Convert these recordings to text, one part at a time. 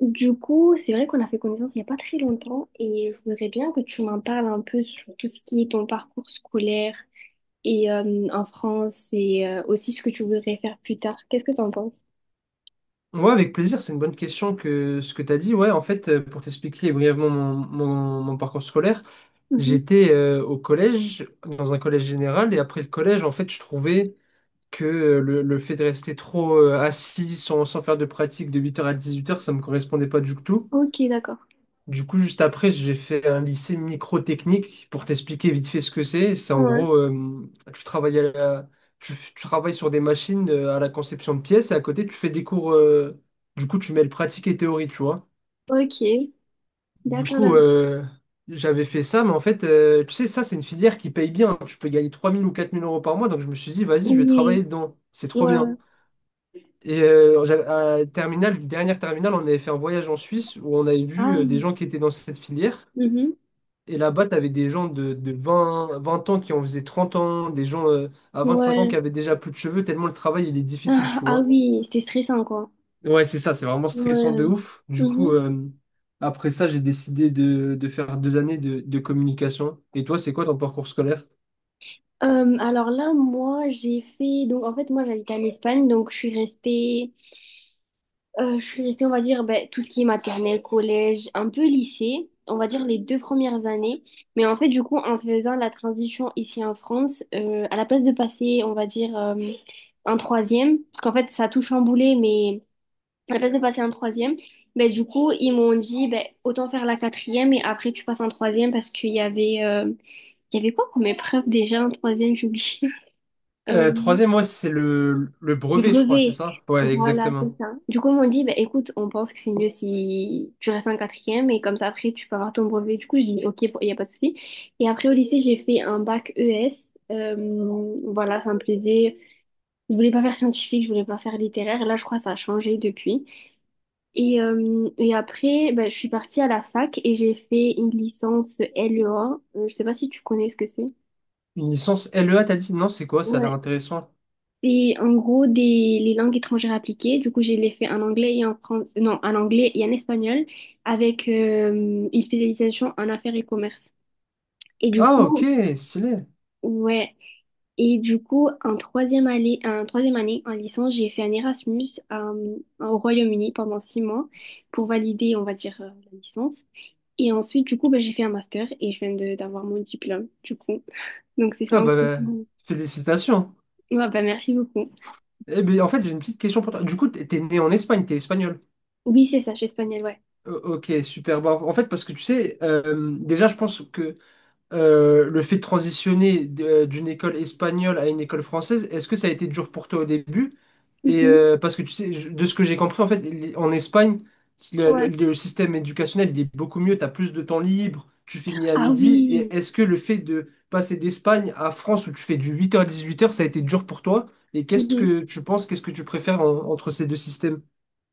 Du coup, c'est vrai qu'on a fait connaissance il n'y a pas très longtemps et je voudrais bien que tu m'en parles un peu sur tout ce qui est ton parcours scolaire et en France et aussi ce que tu voudrais faire plus tard. Qu'est-ce que tu en penses? Ouais, avec plaisir, c'est une bonne question que ce que tu as dit. Ouais, en fait, pour t'expliquer brièvement mon parcours scolaire, Mhm. j'étais au collège, dans un collège général, et après le collège, en fait, je trouvais que le fait de rester trop assis sans faire de pratique de 8 heures à 18 heures, ça me correspondait pas du tout. Ok, d'accord. Du coup, juste après, j'ai fait un lycée microtechnique pour t'expliquer vite fait ce que c'est. C'est en Ouais. gros, tu travailles à la- tu, tu travailles sur des machines à la conception de pièces et à côté, tu fais des cours. Du coup, tu mêles pratique et théorie, tu vois. Ok, Du d'accord, coup, d'accord. J'avais fait ça, mais en fait, tu sais, ça, c'est une filière qui paye bien. Tu peux gagner 3 000 ou 4 000 euros par mois. Donc, je me suis dit, vas-y, je vais Oui, travailler dedans. C'est ouais, trop bien. ouais. Et à terminale, dernière terminale, on avait fait un voyage en Suisse où on avait vu Ah. Des gens qui étaient dans cette filière. Mhm. Et là-bas, tu avais des gens de vingt ans qui en faisaient 30 ans, des gens à 5 ans qui Ouais. avaient déjà plus de cheveux, tellement le travail, il est difficile, Ah, tu ah vois. oui, c'est stressant, quoi. Ouais, c'est ça, c'est vraiment stressant Ouais. de ouf. Du coup, Mhm. Après ça, j'ai décidé de faire 2 années de communication. Et toi, c'est quoi ton parcours scolaire? Alors là, moi, j'ai fait... Donc, en fait, moi, j'habite en Espagne, donc je suis restée... Je suis restée, on va dire, ben, tout ce qui est maternelle, collège, un peu lycée, on va dire les deux premières années. Mais en fait, du coup, en faisant la transition ici en France, à la place de passer, on va dire, un troisième, parce qu'en fait, ça a tout chamboulé, mais à la place de passer un troisième, ben, du coup, ils m'ont dit, ben, autant faire la quatrième et après, tu passes en troisième parce qu'il y avait, il y avait quoi comme épreuve déjà en troisième, j'ai oublié. Euh, Troisième, ouais, c'est le les brevet, je crois, c'est brevets ça? Ouais, voilà, c'est exactement. ça. Du coup, ils m'ont dit, bah, écoute, on pense que c'est mieux si tu restes en quatrième et comme ça, après, tu peux avoir ton brevet. Du coup, je dis, ok, il n'y a pas de souci. Et après, au lycée, j'ai fait un bac ES. Voilà, ça me plaisait. Je voulais pas faire scientifique, je voulais pas faire littéraire. Là, je crois que ça a changé depuis. Et après, bah, je suis partie à la fac et j'ai fait une licence LE1. Je sais pas si tu connais ce que c'est. Une licence LEA, t'as dit? Non, c'est quoi? Ça a l'air Ouais. intéressant. C'est en gros les langues étrangères appliquées. Du coup, j'ai les fait en anglais et en français, non, en anglais et en espagnol avec une spécialisation en affaires et commerce. Et du Ah, ok, coup, stylé. ouais. Et du coup, en troisième année, en licence, j'ai fait un Erasmus au Royaume-Uni pendant 6 mois pour valider, on va dire, la licence. Et ensuite, du coup, bah, j'ai fait un master et d'avoir mon diplôme, du coup. Donc, c'est Ah ça en bah, gros. Félicitations. Ouais, bah, merci beaucoup. Eh ben, en fait, j'ai une petite question pour toi. Du coup, t'es né en Espagne, t'es espagnol. Oui, c'est ça, je suis espagnole, ouais. Ok, super. Bah, en fait, parce que tu sais, déjà, je pense que le fait de transitionner d'une école espagnole à une école française, est-ce que ça a été dur pour toi au début? Et Mhm. Parce que tu sais, de ce que j'ai compris, en fait, en Espagne, Ouais. le système éducationnel, il est beaucoup mieux, tu as plus de temps libre, tu finis à Ah midi. Et oui. est-ce que le fait de passer d'Espagne à France où tu fais du 8 heures à 18 heures, ça a été dur pour toi? Et qu'est-ce Mhm. que tu penses, qu'est-ce que tu préfères entre ces deux systèmes?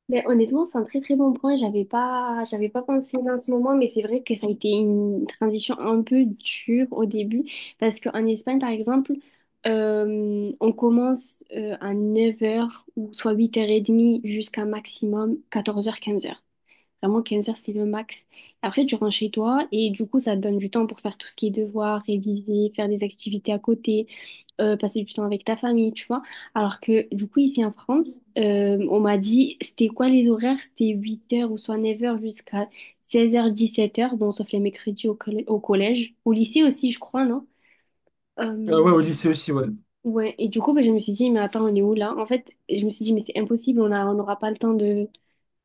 Mais honnêtement, c'est un très très bon point. J'avais pas pensé dans ce moment, mais c'est vrai que ça a été une transition un peu dure au début. Parce qu'en Espagne, par exemple, on commence à 9 heures ou soit 8h30 jusqu'à maximum 14 heures 15 heures. Vraiment, 15 heures, c'est le max. Après, tu rentres chez toi et du coup, ça te donne du temps pour faire tout ce qui est devoir, réviser, faire des activités à côté, passer du temps avec ta famille, tu vois. Alors que du coup, ici en France, on m'a dit, c'était quoi les horaires? C'était 8h ou soit 9h jusqu'à 16h, 17h, bon, sauf les mercredis au collège, au lycée aussi, je crois, non? Ah Euh, ouais, au lycée aussi, ouais. ouais, et du coup, bah, je me suis dit, mais attends, on est où là? En fait, je me suis dit, mais c'est impossible, on n'aura pas le temps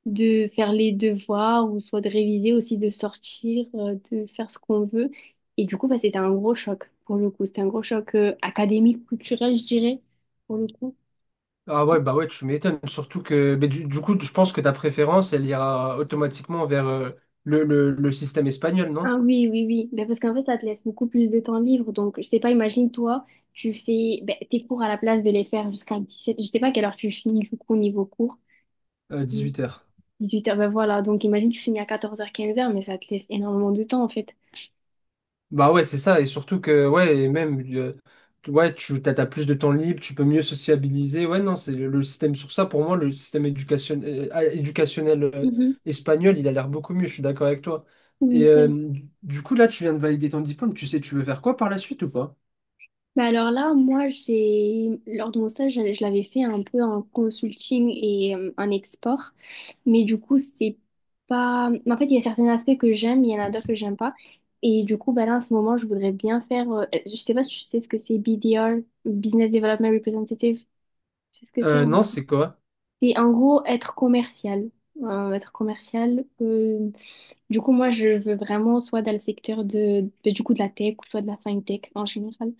de faire les devoirs ou soit de réviser aussi, de sortir, de faire ce qu'on veut. Et du coup, bah, c'était un gros choc pour le coup. C'était un gros choc académique, culturel, je dirais, pour le coup. Ah ouais, bah ouais, tu m'étonnes. Surtout que ben, du coup, je pense que ta préférence, elle ira automatiquement vers le système espagnol, Ah non? oui, oui, oui. Ben, parce qu'en fait, ça te laisse beaucoup plus de temps libre. Donc, je sais pas, imagine toi, tu fais ben, tes cours à la place de les faire jusqu'à 17 Je sais pas à quelle heure tu finis du coup au niveau cours. 18 heures. 18 heures ben voilà. Donc, imagine tu finis à 14 heures 15 heures mais ça te laisse énormément de temps en fait. Bah ouais, c'est ça, et surtout que, ouais, et même, ouais, t'as plus de temps libre, tu peux mieux sociabiliser, ouais, non, c'est le système, sur ça, pour moi, le système éducationnel Mhm. espagnol, il a l'air beaucoup mieux, je suis d'accord avec toi. Et Oui, c'est vrai. du coup, là, tu viens de valider ton diplôme, tu sais, tu veux faire quoi par la suite ou pas? Bah alors là, moi, j'ai lors de mon stage, je l'avais fait un peu en consulting et en export, mais du coup, c'est pas. En fait, il y a certains aspects que j'aime, il y en a d'autres que j'aime pas, et du coup, bah là, en ce moment, je voudrais bien faire. Je sais pas si tu sais ce que c'est BDR, Business Development Representative. Tu sais ce que c'est? Hein Non, c'est quoi? C'est en gros être commercial. Être commercial. Du coup, moi, je veux vraiment soit dans le secteur du coup de la tech ou soit de la fintech en général.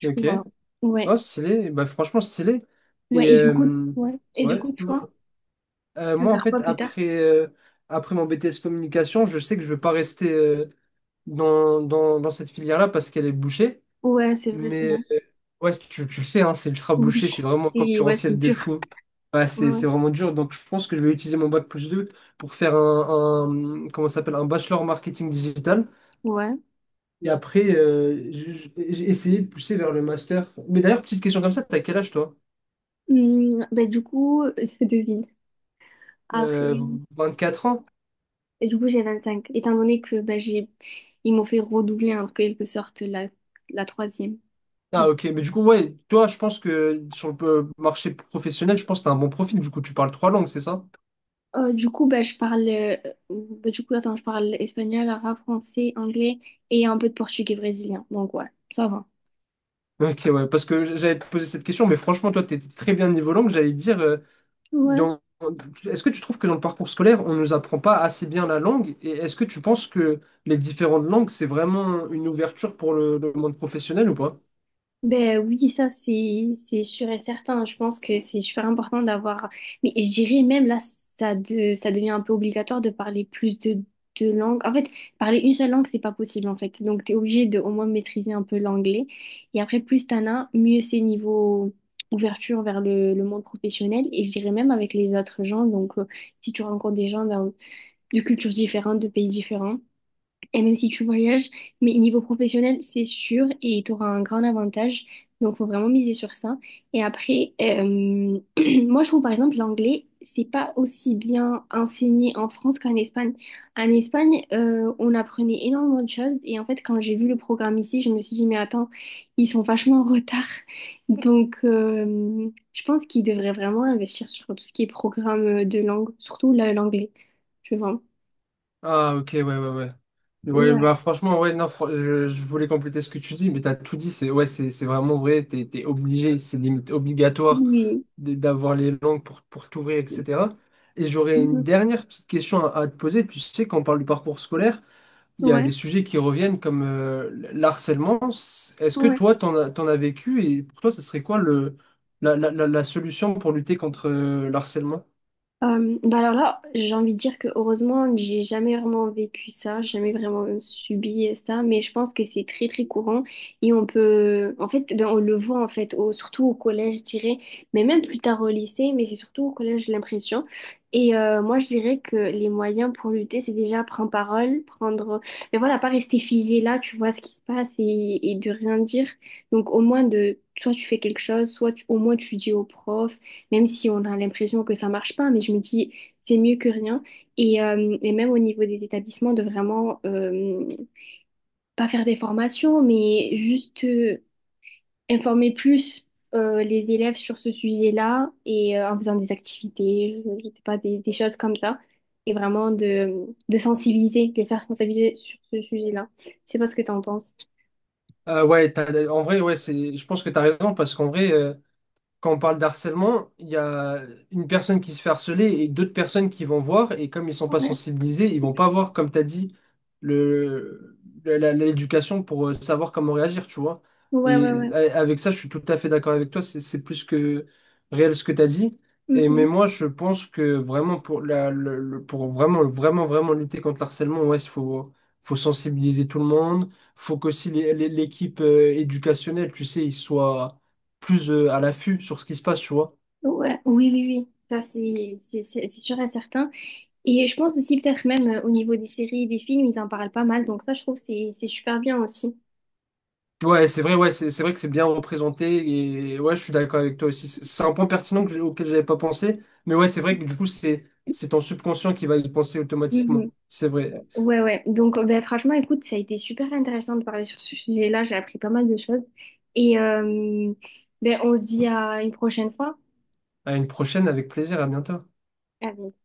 Du coup, Ok. voilà. Ouais. Oh, stylé. Bah, franchement, stylé. Et Ouais, et du coup, ouais. Et du ouais. coup, toi, tu veux Moi, en faire quoi fait, plus tard? après, après mon BTS communication, je sais que je ne veux pas rester dans cette filière-là parce qu'elle est bouchée. Ouais, c'est vrai, c'est vrai. Mais ouais, tu le sais, hein, c'est ultra bouché, c'est Oui. vraiment Et ouais, c'est concurrentiel de dur. fou. Ouais, Ouais, ouais. c'est vraiment dur. Donc, je pense que je vais utiliser mon bac+2 pour faire comment ça s'appelle, un bachelor marketing digital. Ouais. Et après, j'ai essayé de pousser vers le master. Mais d'ailleurs, petite question comme ça, t'as quel âge toi? Bah, du coup, je devine. Après, Euh, 4 ans? et du coup, j'ai 25 Étant donné que bah, j'ai... ils m'ont fait redoubler en quelque sorte la, la troisième. Ah ok, mais du coup, ouais, toi, je pense que sur le marché professionnel, je pense que t'as un bon profil, du coup, tu parles trois langues, c'est ça? Du coup, bah, je parle. Bah, du coup, attends, je parle espagnol, arabe, français, anglais et un peu de portugais brésilien. Donc, ouais, ça va. Ok, ouais, parce que j'allais te poser cette question, mais franchement, toi, t'es très bien niveau langue, j'allais te dire, Ouais. dans... est-ce que tu trouves que dans le parcours scolaire, on ne nous apprend pas assez bien la langue, et est-ce que tu penses que les différentes langues, c'est vraiment une ouverture pour le monde professionnel ou pas? Ben oui, ça c'est sûr et certain. Je pense que c'est super important d'avoir. Mais je dirais même là, ça devient un peu obligatoire de parler plus de langues. En fait, parler une seule langue, c'est pas possible en fait. Donc t'es obligé de au moins maîtriser un peu l'anglais. Et après, plus t'en as, mieux c'est niveau ouverture vers le monde professionnel. Et je dirais même avec les autres gens. Donc si tu rencontres des gens d'un- de cultures différentes, de pays différents. Et même si tu voyages, mais niveau professionnel, c'est sûr et tu auras un grand avantage. Donc, faut vraiment miser sur ça. Et après, moi, je trouve par exemple l'anglais, c'est pas aussi bien enseigné en France qu'en Espagne. En Espagne, on apprenait énormément de choses. Et en fait, quand j'ai vu le programme ici, je me suis dit, mais attends, ils sont vachement en retard. Donc, je pense qu'ils devraient vraiment investir sur tout ce qui est programme de langue, l'anglais. Je vois. Ah ok, ouais, ouais, ouais. Ouais, Ouais. bah franchement, ouais, non, je voulais compléter ce que tu dis, mais t'as tout dit, c'est ouais, c'est vraiment vrai, t'es obligé, c'est limite obligatoire. Oui. D'avoir les langues pour t'ouvrir, etc. Et j'aurais une dernière petite question à te poser. Puis je sais quand on parle du parcours scolaire, il y a des Ouais, sujets qui reviennent comme l'harcèlement. Est-ce que ouais. toi, t'en as vécu et pour toi, ça serait quoi le, la- la solution pour lutter contre l'harcèlement? Bah alors là, j'ai envie de dire que heureusement, j'ai jamais vraiment vécu ça, j'ai jamais vraiment subi ça, mais je pense que c'est très très courant et on peut, en fait, ben, on le voit en fait, surtout au collège, je dirais, mais même plus tard au lycée, mais c'est surtout au collège, j'ai l'impression. Et moi, je dirais que les moyens pour lutter, c'est déjà prendre parole, prendre, mais voilà, pas rester figé là, tu vois ce qui se passe et de rien dire. Donc au moins soit tu fais quelque chose, au moins tu dis au prof. même si on a l'impression que ça marche pas, mais je me dis, c'est mieux que rien. Et même au niveau des établissements, de vraiment pas faire des formations, mais juste informer plus les élèves sur ce sujet-là et en faisant des activités, je sais pas, des choses comme ça. Et vraiment de sensibiliser, de les faire sensibiliser sur ce sujet-là. Je sais pas ce que tu en penses. Ouais, en vrai, ouais, je pense que tu as raison parce qu'en vrai, quand on parle d'harcèlement, il y a une personne qui se fait harceler et d'autres personnes qui vont voir, et comme ils sont pas Ouais, sensibilisés, ils vont pas voir, comme tu as dit, le, l'éducation pour savoir comment réagir, tu vois. ouais, ouais, Et ouais. Avec ça, je suis tout à fait d'accord avec toi, c'est plus que réel ce que tu as dit. Et mais Mhm. moi, je pense que vraiment pour vraiment vraiment vraiment lutter contre l'harcèlement, ouais, il faut sensibiliser tout le monde, faut qu'aussi l'équipe éducationnelle, tu sais, ils soient plus à l'affût sur ce qui se passe, tu vois. Ouais, oui, oui, oui. Ça, c'est sûr et certain. Et je pense aussi peut-être même au niveau des séries et des films, ils en parlent pas mal. Donc ça, je trouve que c'est super bien aussi. Ouais, c'est vrai, ouais, c'est vrai que c'est bien représenté et ouais, je suis d'accord avec toi aussi. C'est un point pertinent que auquel j'avais pas pensé, mais ouais, c'est vrai que du coup, c'est ton subconscient qui va y penser Mhm. automatiquement. C'est vrai. Ouais, ouais. Donc ben, franchement, écoute, ça a été super intéressant de parler sur ce sujet-là. J'ai appris pas mal de choses. Et ben, on se dit à une prochaine fois. À une prochaine, avec plaisir, à bientôt. À